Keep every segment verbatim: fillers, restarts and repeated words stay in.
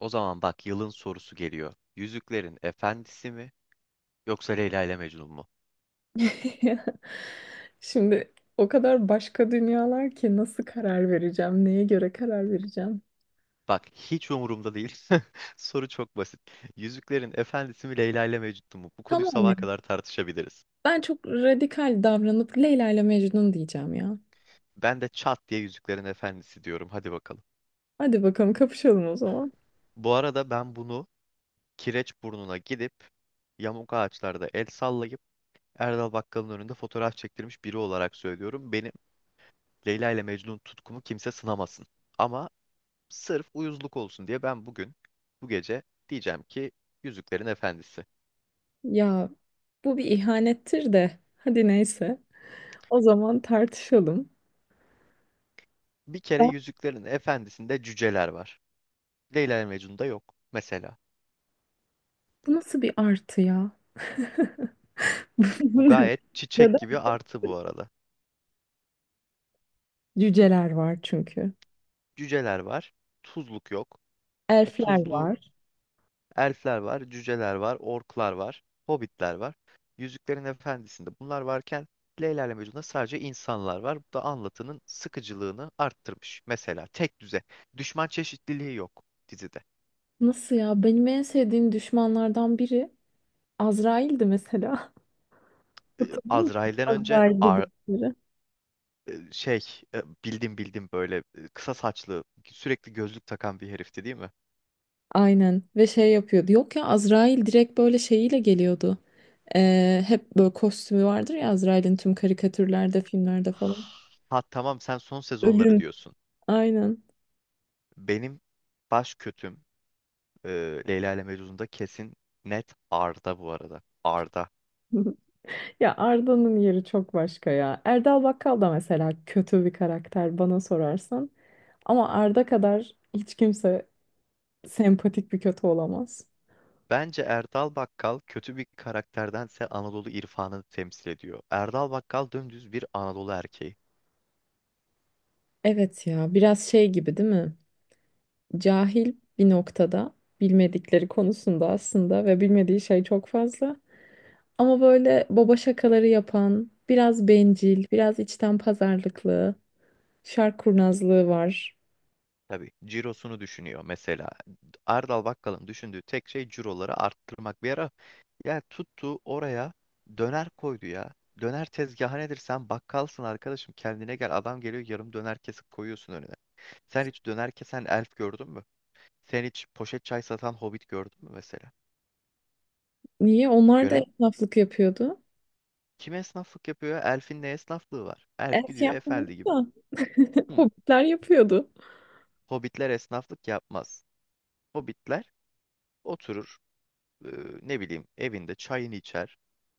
O zaman bak yılın sorusu geliyor. Yüzüklerin Efendisi mi yoksa Leyla ile Mecnun mu? Şimdi o kadar başka dünyalar ki nasıl karar vereceğim, neye göre karar vereceğim? Bak hiç umurumda değil. Soru çok basit. Yüzüklerin Efendisi mi Leyla ile Mecnun mu? Bu konuyu Tamam ya. sabaha kadar tartışabiliriz. Ben çok radikal davranıp Leyla ile Mecnun diyeceğim ya. Ben de çat diye Yüzüklerin Efendisi diyorum. Hadi bakalım. Hadi bakalım kapışalım o zaman. Bu arada ben bunu Kireçburnu'na gidip yamuk ağaçlarda el sallayıp Erdal Bakkal'ın önünde fotoğraf çektirmiş biri olarak söylüyorum. Benim Leyla ile Mecnun tutkumu kimse sınamasın. Ama sırf uyuzluk olsun diye ben bugün, bu gece diyeceğim ki Yüzüklerin Efendisi. Ya bu bir ihanettir de hadi neyse. O zaman tartışalım. Bir kere Ya, Yüzüklerin Efendisi'nde cüceler var. Leyla ve Mecnun'da yok mesela. bu nasıl bir artı ya? Bu Bu ne? gayet çiçek Neden? gibi artı bu arada. Cüceler var çünkü. Cüceler var, tuzluk yok. E, Elfler Tuzlu var. elfler var, cüceler var, orklar var, hobbitler var. Yüzüklerin Efendisi'nde bunlar varken Leyla ile Mecnun'da sadece insanlar var. Bu da anlatının sıkıcılığını arttırmış. Mesela tek düze. Düşman çeşitliliği yok dizide. Nasıl ya? Benim en sevdiğim düşmanlardan biri Azrail'di mesela. e, Hatırlıyor musun? Azrail'den önce Azrail'de Ar- bildikleri. e, şey e, bildim bildim böyle e, kısa saçlı sürekli gözlük takan bir herifti değil mi? Aynen ve şey yapıyordu. Yok ya, Azrail direkt böyle şeyiyle geliyordu. Ee, hep böyle kostümü vardır ya Azrail'in, tüm karikatürlerde, filmlerde falan. Ha tamam sen son sezonları Ölüm. diyorsun. Aynen. Benim baş kötüm e, Leyla ile Mecnun'da kesin net Arda bu arada. Arda. Ya Arda'nın yeri çok başka ya. Erdal Bakkal da mesela kötü bir karakter bana sorarsan. Ama Arda kadar hiç kimse sempatik bir kötü olamaz. Bence Erdal Bakkal kötü bir karakterdense Anadolu irfanını temsil ediyor. Erdal Bakkal dümdüz bir Anadolu erkeği. Evet ya, biraz şey gibi değil mi? Cahil bir noktada, bilmedikleri konusunda aslında, ve bilmediği şey çok fazla. Ama böyle baba şakaları yapan, biraz bencil, biraz içten pazarlıklı, şark kurnazlığı var. Tabii cirosunu düşünüyor mesela. Erdal Bakkal'ın düşündüğü tek şey ciroları arttırmak. Bir ara ya tuttu oraya döner koydu ya. Döner tezgahı nedir? Sen bakkalsın arkadaşım. Kendine gel. Adam geliyor yarım döner kesip koyuyorsun önüne. Sen hiç döner kesen elf gördün mü? Sen hiç poşet çay satan hobbit gördün mü mesela? Niye? Onlar da Gören esnaflık yapıyordu. kim esnaflık yapıyor, ya? Elfin ne esnaflığı var? Elf Es gidiyor yapmıyordu efendi gibi. da Hı. hobbitler yapıyordu. Hobbitler esnaflık yapmaz. Hobbitler oturur, e, ne bileyim evinde çayını içer,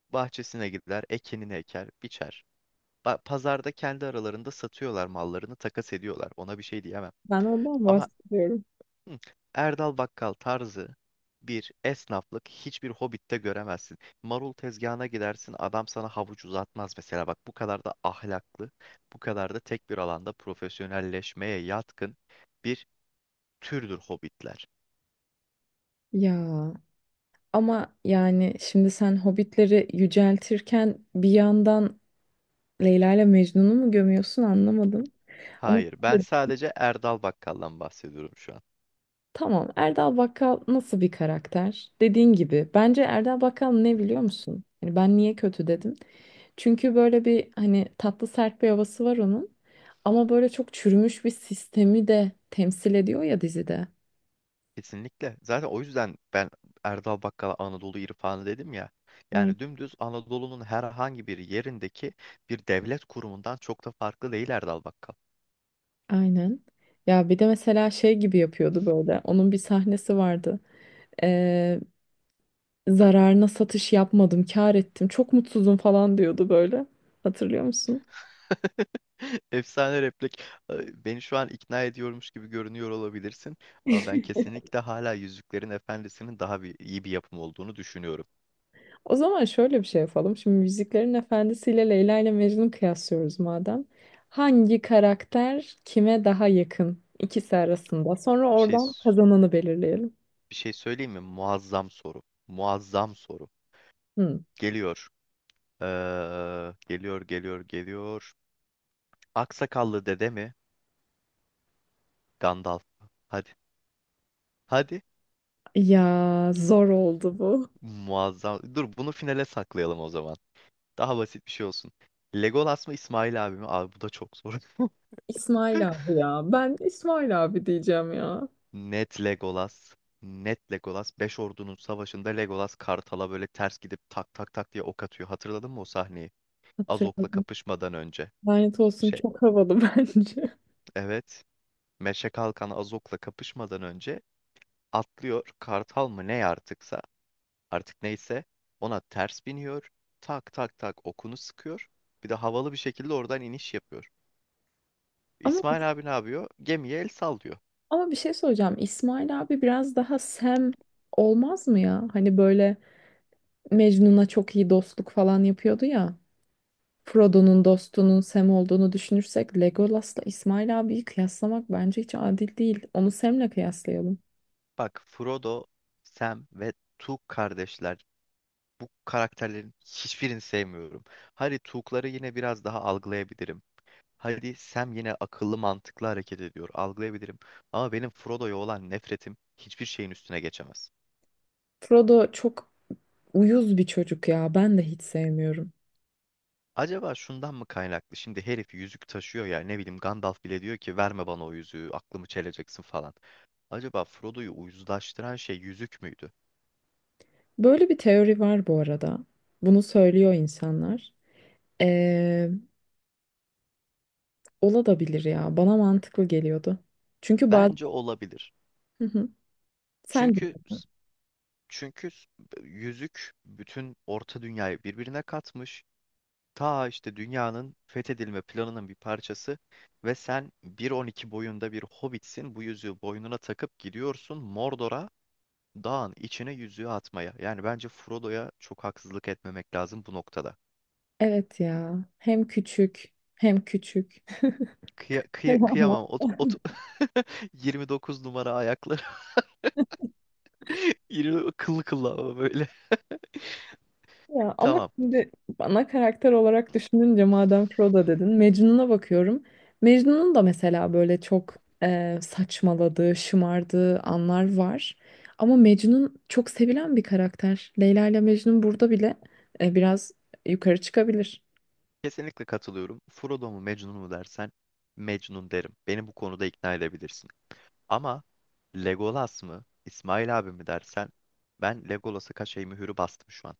bahçesine gider, ekinini eker, biçer. Ba- Pazarda kendi aralarında satıyorlar mallarını, takas ediyorlar. Ona bir şey diyemem. Ben ondan Ama bahsediyorum. hı, Erdal Bakkal tarzı bir esnaflık hiçbir Hobbit'te göremezsin. Marul tezgahına gidersin, adam sana havuç uzatmaz mesela. Bak bu kadar da ahlaklı, bu kadar da tek bir alanda profesyonelleşmeye yatkın bir türdür Hobbitler. Ya ama yani şimdi sen hobbitleri yüceltirken bir yandan Leyla ile Mecnun'u mu gömüyorsun, anlamadım. Ama Hayır, ben sadece Erdal Bakkal'dan bahsediyorum şu an. tamam. Erdal Bakkal nasıl bir karakter? Dediğin gibi. Bence Erdal Bakkal ne biliyor musun? Hani ben niye kötü dedim? Çünkü böyle bir hani tatlı sert bir havası var onun. Ama böyle çok çürümüş bir sistemi de temsil ediyor ya dizide. Kesinlikle. Zaten o yüzden ben Erdal Bakkal'a Anadolu irfanı dedim ya. Evet. Yani dümdüz Anadolu'nun herhangi bir yerindeki bir devlet kurumundan çok da farklı değil Erdal Bakkal. Aynen. Ya bir de mesela şey gibi yapıyordu böyle. Onun bir sahnesi vardı. Ee, Zararına satış yapmadım, kâr ettim. Çok mutsuzum falan diyordu böyle. Hatırlıyor musun? Efsane replik. Ee, Beni şu an ikna ediyormuş gibi görünüyor olabilirsin. Ama ben kesinlikle hala Yüzüklerin Efendisi'nin daha bir, iyi bir yapım olduğunu düşünüyorum. O zaman şöyle bir şey yapalım. Şimdi Müziklerin Efendisi ile Leyla ile Mecnun'u kıyaslıyoruz madem. Hangi karakter kime daha yakın ikisi arasında? Sonra Bir şey oradan kazananı belirleyelim. bir şey söyleyeyim mi? Muazzam soru. Muazzam soru. Hı. Geliyor. Ee, geliyor, geliyor, geliyor. Aksakallı dede mi? Gandalf. Hadi. Hadi. Ya zor oldu bu. Muazzam. Dur bunu finale saklayalım o zaman. Daha basit bir şey olsun. Legolas mı İsmail abi mi? Abi bu da çok zor. İsmail abi ya. Ben İsmail abi diyeceğim ya. Net Legolas. Net Legolas. Beş ordunun savaşında Legolas Kartal'a böyle ters gidip tak tak tak diye ok atıyor. Hatırladın mı o sahneyi? Azok'la Hatırladım. kapışmadan önce. Lanet olsun, Şey, çok havalı bence. evet. Meşe Kalkan Azok'la kapışmadan önce atlıyor. Kartal mı ne artıksa artık neyse ona ters biniyor. Tak tak tak okunu sıkıyor. Bir de havalı bir şekilde oradan iniş yapıyor. Ama İsmail abi ne yapıyor? Gemiye el sallıyor. ama bir şey soracağım. İsmail abi biraz daha Sam olmaz mı ya? Hani böyle Mecnun'a çok iyi dostluk falan yapıyordu ya. Frodo'nun dostunun Sam olduğunu düşünürsek Legolas'la İsmail abiyi kıyaslamak bence hiç adil değil. Onu Sam'le kıyaslayalım. Bak Frodo, Sam ve Tuk kardeşler. Bu karakterlerin hiçbirini sevmiyorum. Hadi Tuk'ları yine biraz daha algılayabilirim. Hadi Sam yine akıllı mantıklı hareket ediyor. Algılayabilirim. Ama benim Frodo'ya olan nefretim hiçbir şeyin üstüne geçemez. Frodo çok uyuz bir çocuk ya. Ben de hiç sevmiyorum. Acaba şundan mı kaynaklı? Şimdi herif yüzük taşıyor ya, ne bileyim Gandalf bile diyor ki verme bana o yüzüğü aklımı çeleceksin falan. Acaba Frodo'yu uyuzlaştıran şey yüzük müydü? Böyle bir teori var bu arada. Bunu söylüyor insanlar. Ee, Olabilir ya. Bana mantıklı geliyordu. Çünkü bazen... Bence olabilir. Hı hı. Sen de. Çünkü çünkü yüzük bütün Orta Dünyayı birbirine katmış. Ta işte dünyanın fethedilme planının bir parçası ve sen bir on iki boyunda bir hobbitsin. Bu yüzüğü boynuna takıp gidiyorsun Mordor'a, Dağın içine yüzüğü atmaya. Yani bence Frodo'ya çok haksızlık etmemek lazım bu noktada. Evet ya. Hem küçük hem küçük. Kıya, kıya- kıyamam. Ot, ot- yirmi dokuz numara ayakları. Yirmi- kıllı kıllı ama böyle. Ya ama Tamam. şimdi ana karakter olarak düşününce madem Frodo dedin, Mecnun'a bakıyorum. Mecnun'un da mesela böyle çok e, saçmaladığı, şımardığı anlar var. Ama Mecnun çok sevilen bir karakter. Leyla ile Mecnun burada bile e, biraz yukarı çıkabilir. Kesinlikle katılıyorum. Frodo mu Mecnun mu dersen Mecnun derim. Beni bu konuda ikna edebilirsin. Ama Legolas mı İsmail abi mi dersen ben Legolas'a kaşeyi mühürü bastım şu an.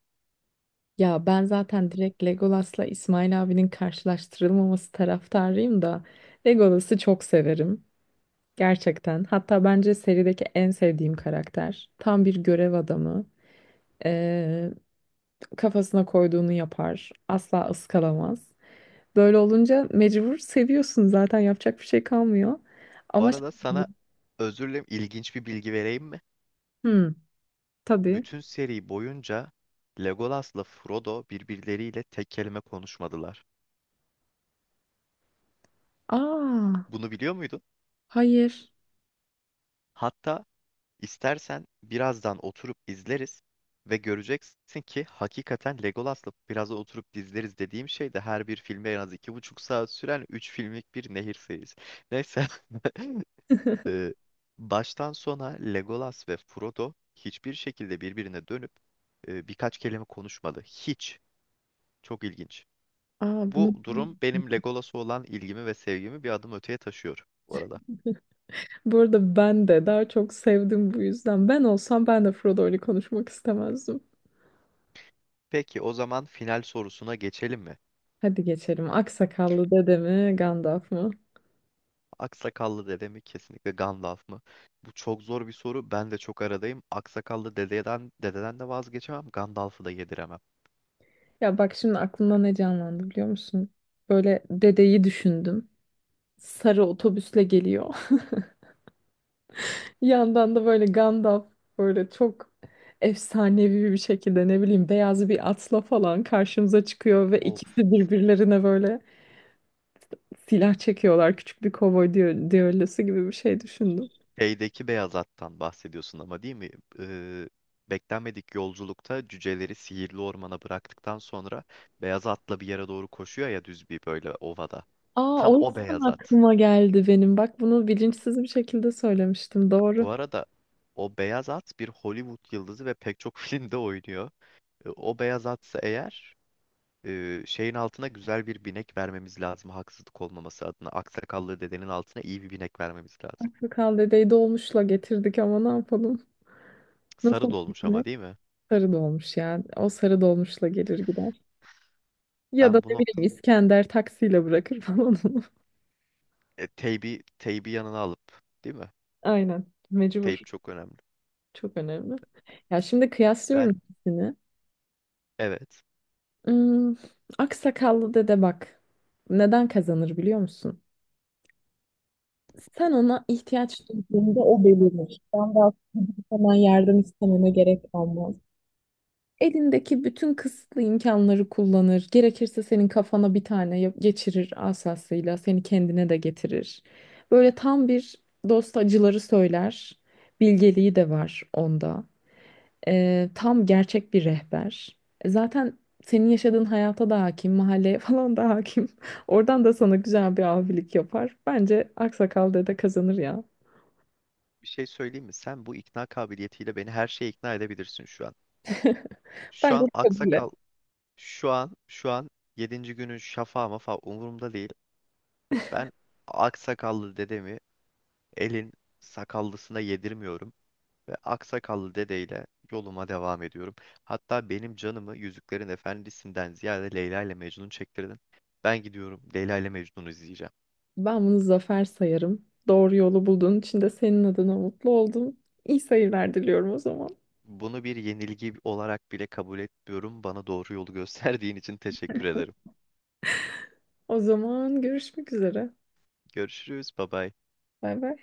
Ya ben zaten direkt Legolas'la İsmail abinin karşılaştırılmaması taraftarıyım da Legolas'ı çok severim. Gerçekten. Hatta bence serideki en sevdiğim karakter. Tam bir görev adamı. Ee, Kafasına koyduğunu yapar. Asla ıskalamaz. Böyle olunca mecbur seviyorsun, zaten yapacak bir şey kalmıyor. Bu Ama şey, arada sana özür dilerim, ilginç bir bilgi vereyim. hmm, tabii. Bütün seri boyunca Legolas'la Frodo birbirleriyle tek kelime konuşmadılar. Aa, Bunu biliyor muydun? hayır. Hatta istersen birazdan oturup izleriz ve göreceksin ki hakikaten Legolas'la, birazdan oturup izleriz dediğim şey de her bir filme en az iki buçuk saat süren üç filmlik bir nehir serisi. Neyse. Ee, baştan sona Legolas ve Frodo hiçbir şekilde birbirine dönüp e, birkaç kelime konuşmadı. Hiç. Çok ilginç. Aa, Bu bunu durum benim Legolas'a olan ilgimi ve sevgimi bir adım öteye taşıyor bu arada. bu arada ben de daha çok sevdim bu yüzden. Ben olsam ben de Frodo Frodo'yla konuşmak istemezdim. Peki o zaman final sorusuna geçelim mi? Hadi geçelim. Aksakallı dede mi, Gandalf mı? Aksakallı dede mi kesinlikle Gandalf mı? Bu çok zor bir soru. Ben de çok aradayım. Aksakallı dededen dededen de vazgeçemem. Gandalf'ı da yediremem. Ya bak şimdi aklımda ne canlandı biliyor musun? Böyle dedeyi düşündüm. Sarı otobüsle geliyor. Yandan da böyle Gandalf böyle çok efsanevi bir şekilde ne bileyim beyaz bir atla falan karşımıza çıkıyor ve O ikisi birbirlerine böyle silah çekiyorlar. Küçük bir kovboy düe- düellosu gibi bir şey düşündüm. şeydeki beyaz attan bahsediyorsun ama değil mi? Ee, beklenmedik yolculukta cüceleri sihirli ormana bıraktıktan sonra beyaz atla bir yere doğru koşuyor ya, düz bir böyle ovada. Aa, Tam o o yüzden beyaz at. aklıma geldi benim. Bak bunu bilinçsiz bir şekilde söylemiştim. Bu Doğru. arada o beyaz at bir Hollywood yıldızı ve pek çok filmde oynuyor. E, O beyaz atsa eğer e, şeyin altına güzel bir binek vermemiz lazım, haksızlık olmaması adına. Aksakallı dedenin altına iyi bir binek vermemiz lazım. Kral dedeyi dolmuşla getirdik, ama ne yapalım? Sarı Nasıl dolmuş ama gitmek? değil mi? Sarı dolmuş yani. O sarı dolmuşla gelir gider. Ya da Ben ne bunu bileyim İskender taksiyle bırakır falan onu. e, teybi, teybi yanına alıp değil mi? Aynen. Mecbur. Teyp çok önemli. Çok önemli. Ya şimdi kıyaslıyorum Ben, ikisini. evet, Hmm, aksakallı dede bak. Neden kazanır biliyor musun? Sen ona ihtiyaç duyduğunda o belirir. Ben daha hemen yardım istememe gerek kalmaz. Elindeki bütün kısıtlı imkanları kullanır. Gerekirse senin kafana bir tane yap- geçirir asasıyla. Seni kendine de getirir. Böyle tam bir dost acıları söyler. Bilgeliği de var onda. Ee, tam gerçek bir rehber. E, zaten senin yaşadığın hayata da hakim, mahalleye falan da hakim. Oradan da sana güzel bir abilik yapar. Bence Aksakal dede kazanır ya. bir şey söyleyeyim mi? Sen bu ikna kabiliyetiyle beni her şeye ikna edebilirsin şu an. Şu Bence an kabule. aksakal şu an şu an yedinci günün şafağı mafa umurumda değil. Ben aksakallı dedemi elin sakallısına yedirmiyorum ve aksakallı dedeyle yoluma devam ediyorum. Hatta benim canımı Yüzüklerin Efendisi'nden ziyade Leyla ile Mecnun çektirdin. Ben gidiyorum, Leyla ile Mecnun'u izleyeceğim. Ben bunu zafer sayarım. Doğru yolu bulduğun için de senin adına mutlu oldum. İyi seyirler diliyorum o zaman. Bunu bir yenilgi olarak bile kabul etmiyorum. Bana doğru yolu gösterdiğin için teşekkür ederim. O zaman görüşmek üzere. Görüşürüz. Bye bye. Bay bay.